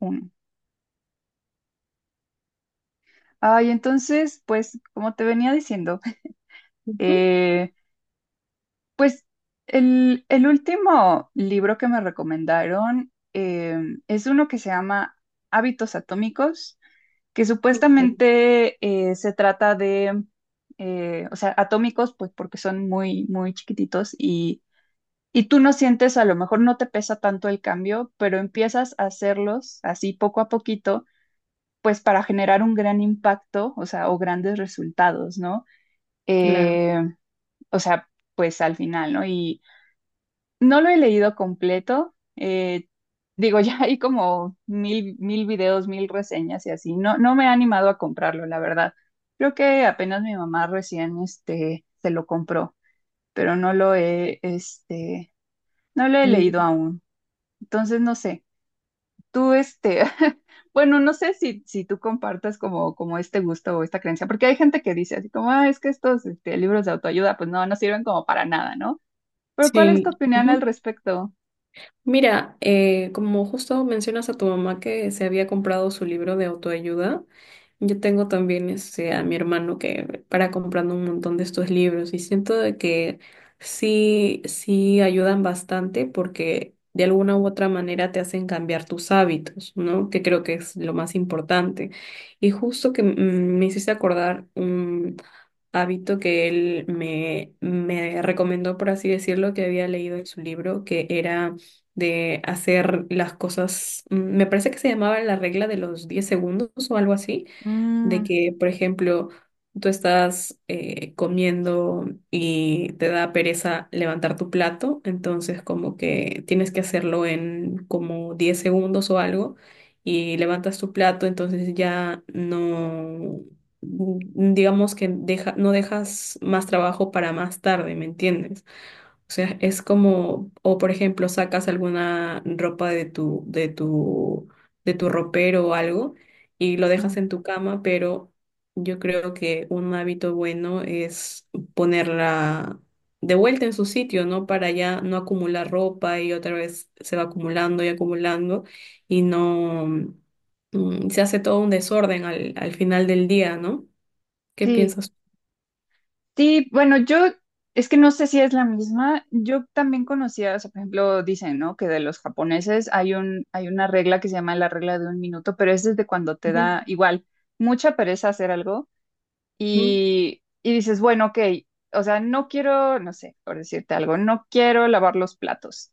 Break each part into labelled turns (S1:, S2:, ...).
S1: Uno. Ay, entonces, pues, como te venía diciendo,
S2: Ujú.
S1: eh, pues el último libro que me recomendaron es uno que se llama Hábitos Atómicos, que
S2: Ok.
S1: supuestamente se trata de, o sea, atómicos, pues porque son muy, muy chiquititos, y tú no sientes, a lo mejor no te pesa tanto el cambio, pero empiezas a hacerlos así poco a poquito, pues para generar un gran impacto, o sea, o grandes resultados, ¿no?
S2: Claro.
S1: eh, o sea, pues al final, ¿no? Y no lo he leído completo. Digo, ya hay como mil, mil videos, mil reseñas y así, no, no me ha animado a comprarlo, la verdad. Creo que apenas mi mamá recién, este, se lo compró, pero no lo he, este, no lo he leído
S2: El-
S1: aún, entonces no sé, tú, este... Bueno, no sé si, si tú compartas como, este gusto o esta creencia, porque hay gente que dice así como, ah, es que estos libros de autoayuda, pues no, no sirven como para nada, ¿no? ¿Pero cuál es tu
S2: Sí.
S1: opinión al
S2: Ujú.
S1: respecto?
S2: Mira, como justo mencionas a tu mamá que se había comprado su libro de autoayuda. Yo tengo también, a mi hermano que para comprando un montón de estos libros y siento de que sí, sí ayudan bastante porque de alguna u otra manera te hacen cambiar tus hábitos, ¿no? Que creo que es lo más importante. Y justo que me hiciste acordar un hábito que él me recomendó, por así decirlo, que había leído en su libro, que era de hacer las cosas, me parece que se llamaba la regla de los 10 segundos o algo así. De
S1: Mm,
S2: que, por ejemplo, tú estás comiendo y te da pereza levantar tu plato, entonces como que tienes que hacerlo en como 10 segundos o algo, y levantas tu plato. Entonces ya no, digamos que deja, no dejas más trabajo para más tarde, ¿me entiendes? O sea, es como, o por ejemplo, sacas alguna ropa de tu, ropero o algo, y lo
S1: ujú.
S2: dejas en tu cama. Pero yo creo que un hábito bueno es ponerla de vuelta en su sitio, ¿no? Para ya no acumular ropa y otra vez se va acumulando y acumulando, y no, se hace todo un desorden al final del día, ¿no? ¿Qué
S1: Sí,
S2: piensas?
S1: sí, bueno, yo es que no sé si es la misma. Yo también conocía, o sea, por ejemplo, dicen, ¿no? Que de los japoneses hay una regla que se llama la regla de un minuto, pero es desde cuando te
S2: Ujú,
S1: da igual mucha pereza hacer algo,
S2: ujú,
S1: y dices, bueno, ok, o sea, no quiero, no sé, por decirte algo, no quiero lavar los platos.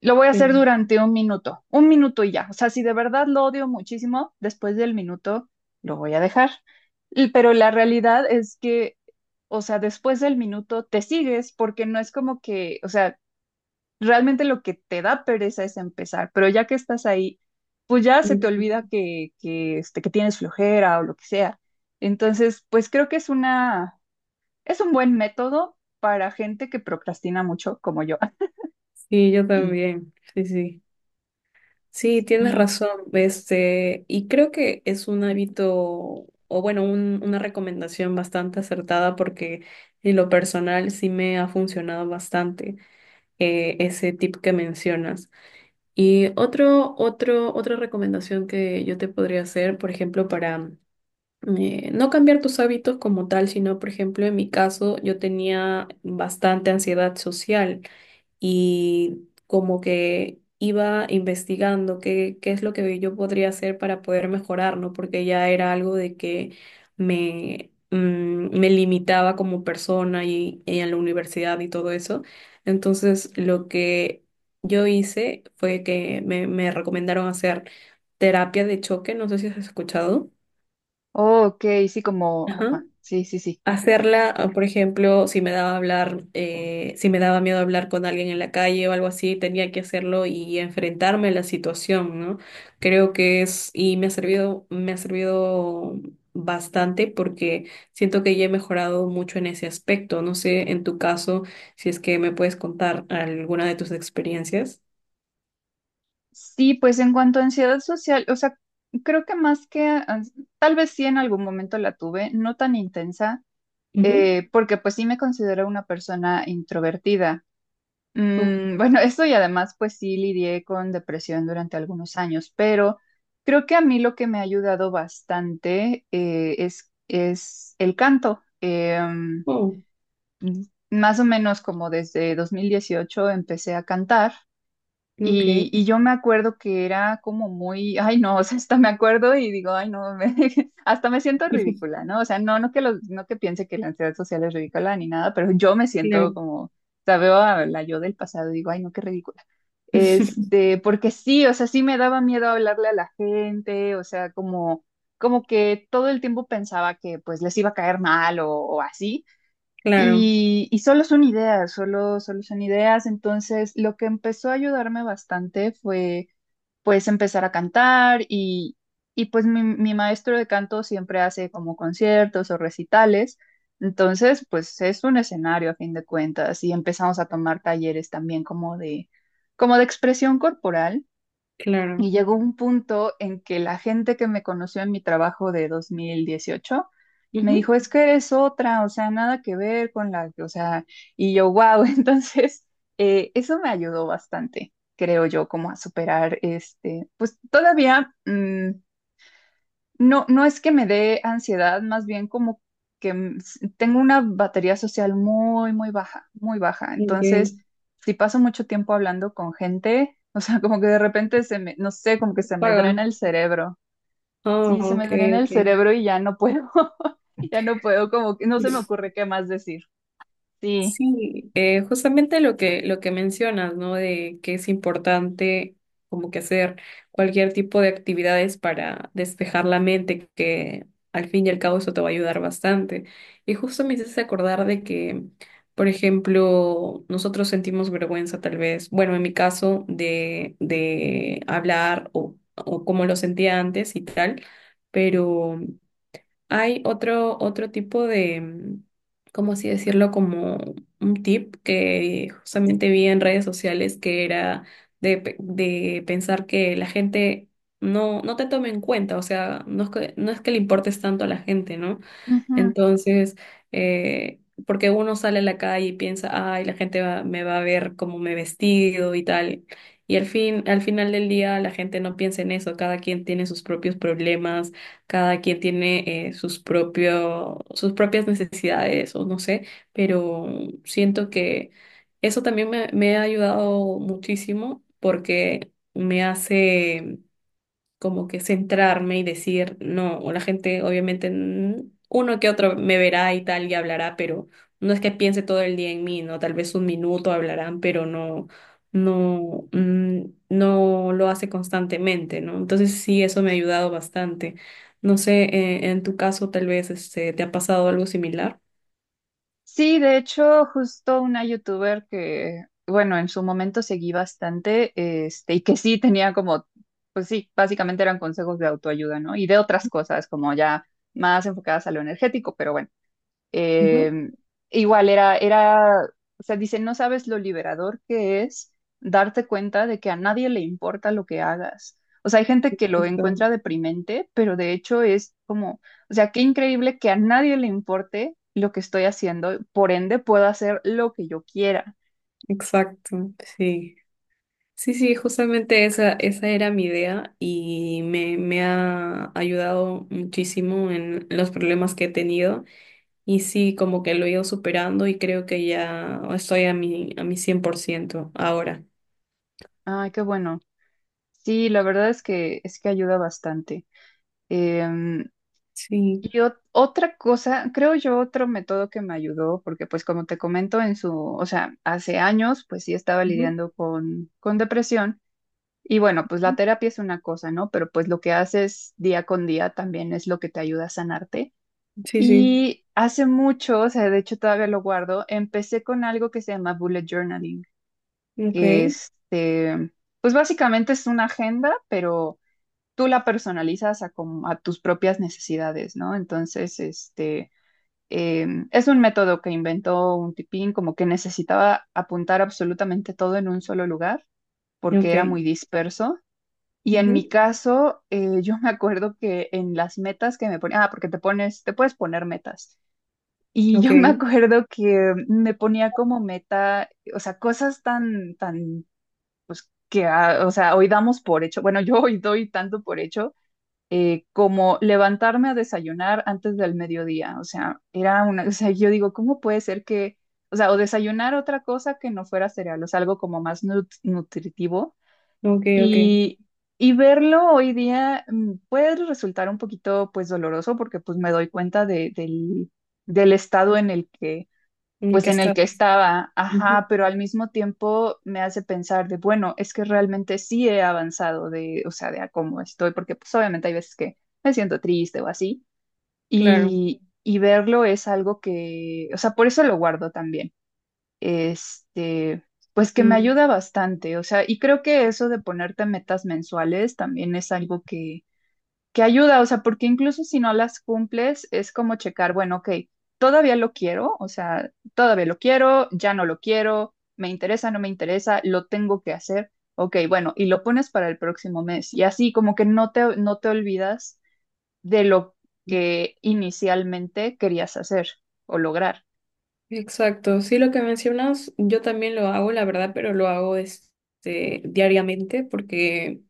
S1: Lo voy a hacer
S2: sí,
S1: durante un minuto y ya. O sea, si de verdad lo odio muchísimo, después del minuto lo voy a dejar. Pero la realidad es que, o sea, después del minuto te sigues, porque no es como que, o sea, realmente lo que te da pereza es empezar, pero ya que estás ahí, pues ya se te olvida
S2: ujú.
S1: que, que tienes flojera o lo que sea. Entonces, pues creo que es una, es un buen método para gente que procrastina mucho como yo.
S2: Sí, yo
S1: Y,
S2: también, sí, sí. Sí, tienes
S1: y
S2: razón, y creo que es un hábito, o bueno, una recomendación bastante acertada, porque en lo personal sí me ha funcionado bastante ese tip que mencionas. Y otra recomendación que yo te podría hacer, por ejemplo, para no cambiar tus hábitos como tal, sino, por ejemplo, en mi caso, yo tenía bastante ansiedad social y como que iba investigando qué es lo que yo podría hacer para poder mejorar, ¿no? Porque ya era algo de que me, mm, me limitaba como persona, y en la universidad y todo eso. Entonces, lo que yo hice fue que me recomendaron hacer terapia de choque, no sé si has escuchado.
S1: Oh, ok, sí, como,
S2: Ajá,
S1: ajá, sí, sí, sí.
S2: hacerla. O, por ejemplo, si me daba miedo hablar con alguien en la calle o algo así, tenía que hacerlo y enfrentarme a la situación, ¿no? Y me ha servido bastante, porque siento que ya he mejorado mucho en ese aspecto. No sé, en tu caso, si es que me puedes contar alguna de tus experiencias.
S1: Sí, pues en cuanto a ansiedad social, o sea, creo que más que, tal vez sí en algún momento la tuve, no tan intensa,
S2: Ujú.
S1: porque pues sí me considero una persona introvertida.
S2: Oh,
S1: Mm, bueno, eso, y además pues sí lidié con depresión durante algunos años, pero creo que a mí lo que me ha ayudado bastante es el canto.
S2: oh,
S1: Más o menos como desde 2018 empecé a cantar. Y,
S2: ok.
S1: y yo me acuerdo que era como muy, ay no, o sea, hasta me acuerdo y digo, ay no, hasta me siento ridícula, ¿no? O sea, no, no que piense que la ansiedad social es ridícula ni nada, pero yo me siento
S2: Claro.
S1: como, o sea, veo a la yo del pasado y digo, ay no, qué ridícula. Este, porque sí, o sea, sí me daba miedo hablarle a la gente, o sea, como, que todo el tiempo pensaba que pues les iba a caer mal o así.
S2: Claro,
S1: Y solo son ideas, solo son ideas. Entonces, lo que empezó a ayudarme bastante fue, pues, empezar a cantar, y pues mi maestro de canto siempre hace como conciertos o recitales. Entonces, pues es un escenario a fin de cuentas, y empezamos a tomar talleres también como de expresión corporal.
S2: claro.
S1: Y llegó un punto en que la gente que me conoció en mi trabajo de 2018 me
S2: Ujú.
S1: dijo, es que eres otra, o sea, nada que ver con la, o sea, y yo, wow. Entonces, eso me ayudó bastante, creo yo, como a superar este, pues todavía, mm, no, no es que me dé ansiedad, más bien como que tengo una batería social muy, muy baja, muy baja.
S2: Ok.
S1: Entonces, si paso mucho tiempo hablando con gente, o sea, como que de repente se me, no sé, como que se me
S2: Paga.
S1: drena el cerebro.
S2: Oh,
S1: Sí, se
S2: ok,
S1: me drena el
S2: ok.
S1: cerebro y ya no puedo, ya no puedo, como que no se me ocurre qué más decir. Sí.
S2: Sí, justamente lo que mencionas, ¿no? De que es importante como que hacer cualquier tipo de actividades para despejar la mente, que al fin y al cabo eso te va a ayudar bastante. Y justo me hiciste acordar de que, por ejemplo, nosotros sentimos vergüenza tal vez, bueno, en mi caso, de hablar, o como lo sentía antes y tal, pero. Hay otro tipo de, ¿cómo así decirlo? Como un tip que justamente vi en redes sociales que era de pensar que la gente no te tome en cuenta. O sea, no es que le importes tanto a la gente, ¿no? Entonces, eh, porque uno sale a la calle y piensa, ay, la gente me va a ver cómo me he vestido y tal. Y al fin, al final del día, la gente no piensa en eso. Cada quien tiene sus propios problemas, cada quien tiene sus propias necesidades o no sé, pero siento que eso también me ha ayudado muchísimo, porque me hace como que centrarme y decir, no, o la gente obviamente uno que otro me verá y tal y hablará, pero no es que piense todo el día en mí, ¿no? Tal vez un minuto hablarán, pero no, mm, no lo hace constantemente, ¿no? Entonces sí, eso me ha ayudado bastante. No sé, en tu caso tal vez te ha pasado algo similar.
S1: Sí, de hecho, justo una youtuber que, bueno, en su momento seguí bastante, este, y que sí tenía como, pues sí, básicamente eran consejos de autoayuda, ¿no? Y de otras cosas, como ya más enfocadas a lo energético, pero bueno.
S2: Ujú.
S1: Eh, Igual era, o sea, dice, no sabes lo liberador que es darte cuenta de que a nadie le importa lo que hagas. O sea, hay gente que lo
S2: Exacto,
S1: encuentra deprimente, pero de hecho es como, o sea, qué increíble que a nadie le importe lo que estoy haciendo, por ende puedo hacer lo que yo quiera.
S2: exacto, sí. Sí, sí, justamente esa era mi idea y me ha ayudado muchísimo en los problemas que he tenido, y sí, como que lo he ido superando y creo que ya estoy a mi 100% ahora.
S1: Ay, qué bueno. Sí, la verdad es que ayuda bastante. Em,
S2: Sí,
S1: otra cosa, creo yo, otro método que me ayudó, porque pues como te comento o sea, hace años pues sí estaba
S2: ujú,
S1: lidiando con depresión, y bueno, pues la terapia es una cosa, ¿no? Pero pues lo que haces día con día también es lo que te ayuda a sanarte.
S2: sí, sí,
S1: Y hace mucho, o sea, de hecho todavía lo guardo, empecé con algo que se llama bullet journaling,
S2: ok,
S1: que, este, pues básicamente es una agenda, pero tú la personalizas a tus propias necesidades, ¿no? Entonces, este, es un método que inventó un tipín, como que necesitaba apuntar absolutamente todo en un solo lugar, porque
S2: ok,
S1: era muy disperso. Y en mi
S2: ujú,
S1: caso, yo me acuerdo que en las metas que me ponía, ah, porque te pones, te puedes poner metas. Y yo me
S2: ok,
S1: acuerdo que me ponía como meta, o sea, cosas tan, tan que, ah, o sea, hoy damos por hecho, bueno, yo hoy doy tanto por hecho como levantarme a desayunar antes del mediodía. O sea, era una, o sea, yo digo, ¿cómo puede ser que, o sea, o desayunar otra cosa que no fuera cereal, o sea, algo como más nutritivo?
S2: ok, ok,
S1: Y, y verlo hoy día, mm, puede resultar un poquito, pues, doloroso, porque, pues, me doy cuenta del estado en el que,
S2: y
S1: pues,
S2: que
S1: en el
S2: estás,
S1: que estaba,
S2: ujú,
S1: ajá, pero al mismo tiempo me hace pensar de, bueno, es que realmente sí he avanzado de, o sea, de a cómo estoy, porque pues obviamente hay veces que me siento triste o así,
S2: claro,
S1: y verlo es algo que, o sea, por eso lo guardo también, este, pues que me
S2: sí,
S1: ayuda bastante, o sea, y creo que eso de ponerte metas mensuales también es algo que ayuda, o sea, porque incluso si no las cumples, es como checar, bueno, ok, todavía lo quiero, o sea, todavía lo quiero, ya no lo quiero, me interesa, no me interesa, lo tengo que hacer, ok, bueno, y lo pones para el próximo mes. Y así como que no te, no te olvidas de lo que inicialmente querías hacer o lograr.
S2: exacto, sí, lo que mencionas, yo también lo hago, la verdad, pero lo hago, diariamente, porque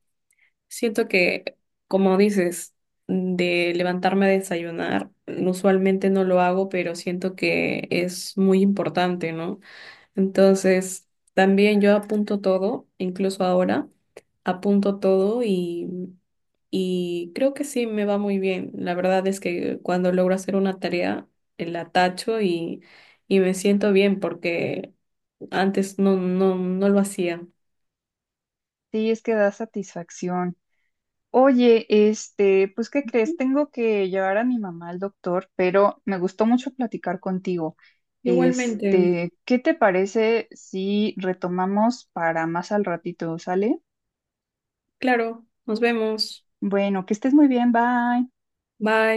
S2: siento que, como dices, de levantarme a desayunar, usualmente no lo hago, pero siento que es muy importante, ¿no? Entonces, también yo apunto todo, incluso ahora, apunto todo y creo que sí me va muy bien. La verdad es que cuando logro hacer una tarea, la tacho, y me siento bien, porque antes no lo hacía.
S1: Sí, es que da satisfacción. Oye, este, pues, ¿qué crees? Tengo que llevar a mi mamá al doctor, pero me gustó mucho platicar contigo.
S2: Igualmente,
S1: Este, ¿qué te parece si retomamos para más al ratito? ¿Sale?
S2: claro, nos vemos.
S1: Bueno, que estés muy bien, bye.
S2: Bye.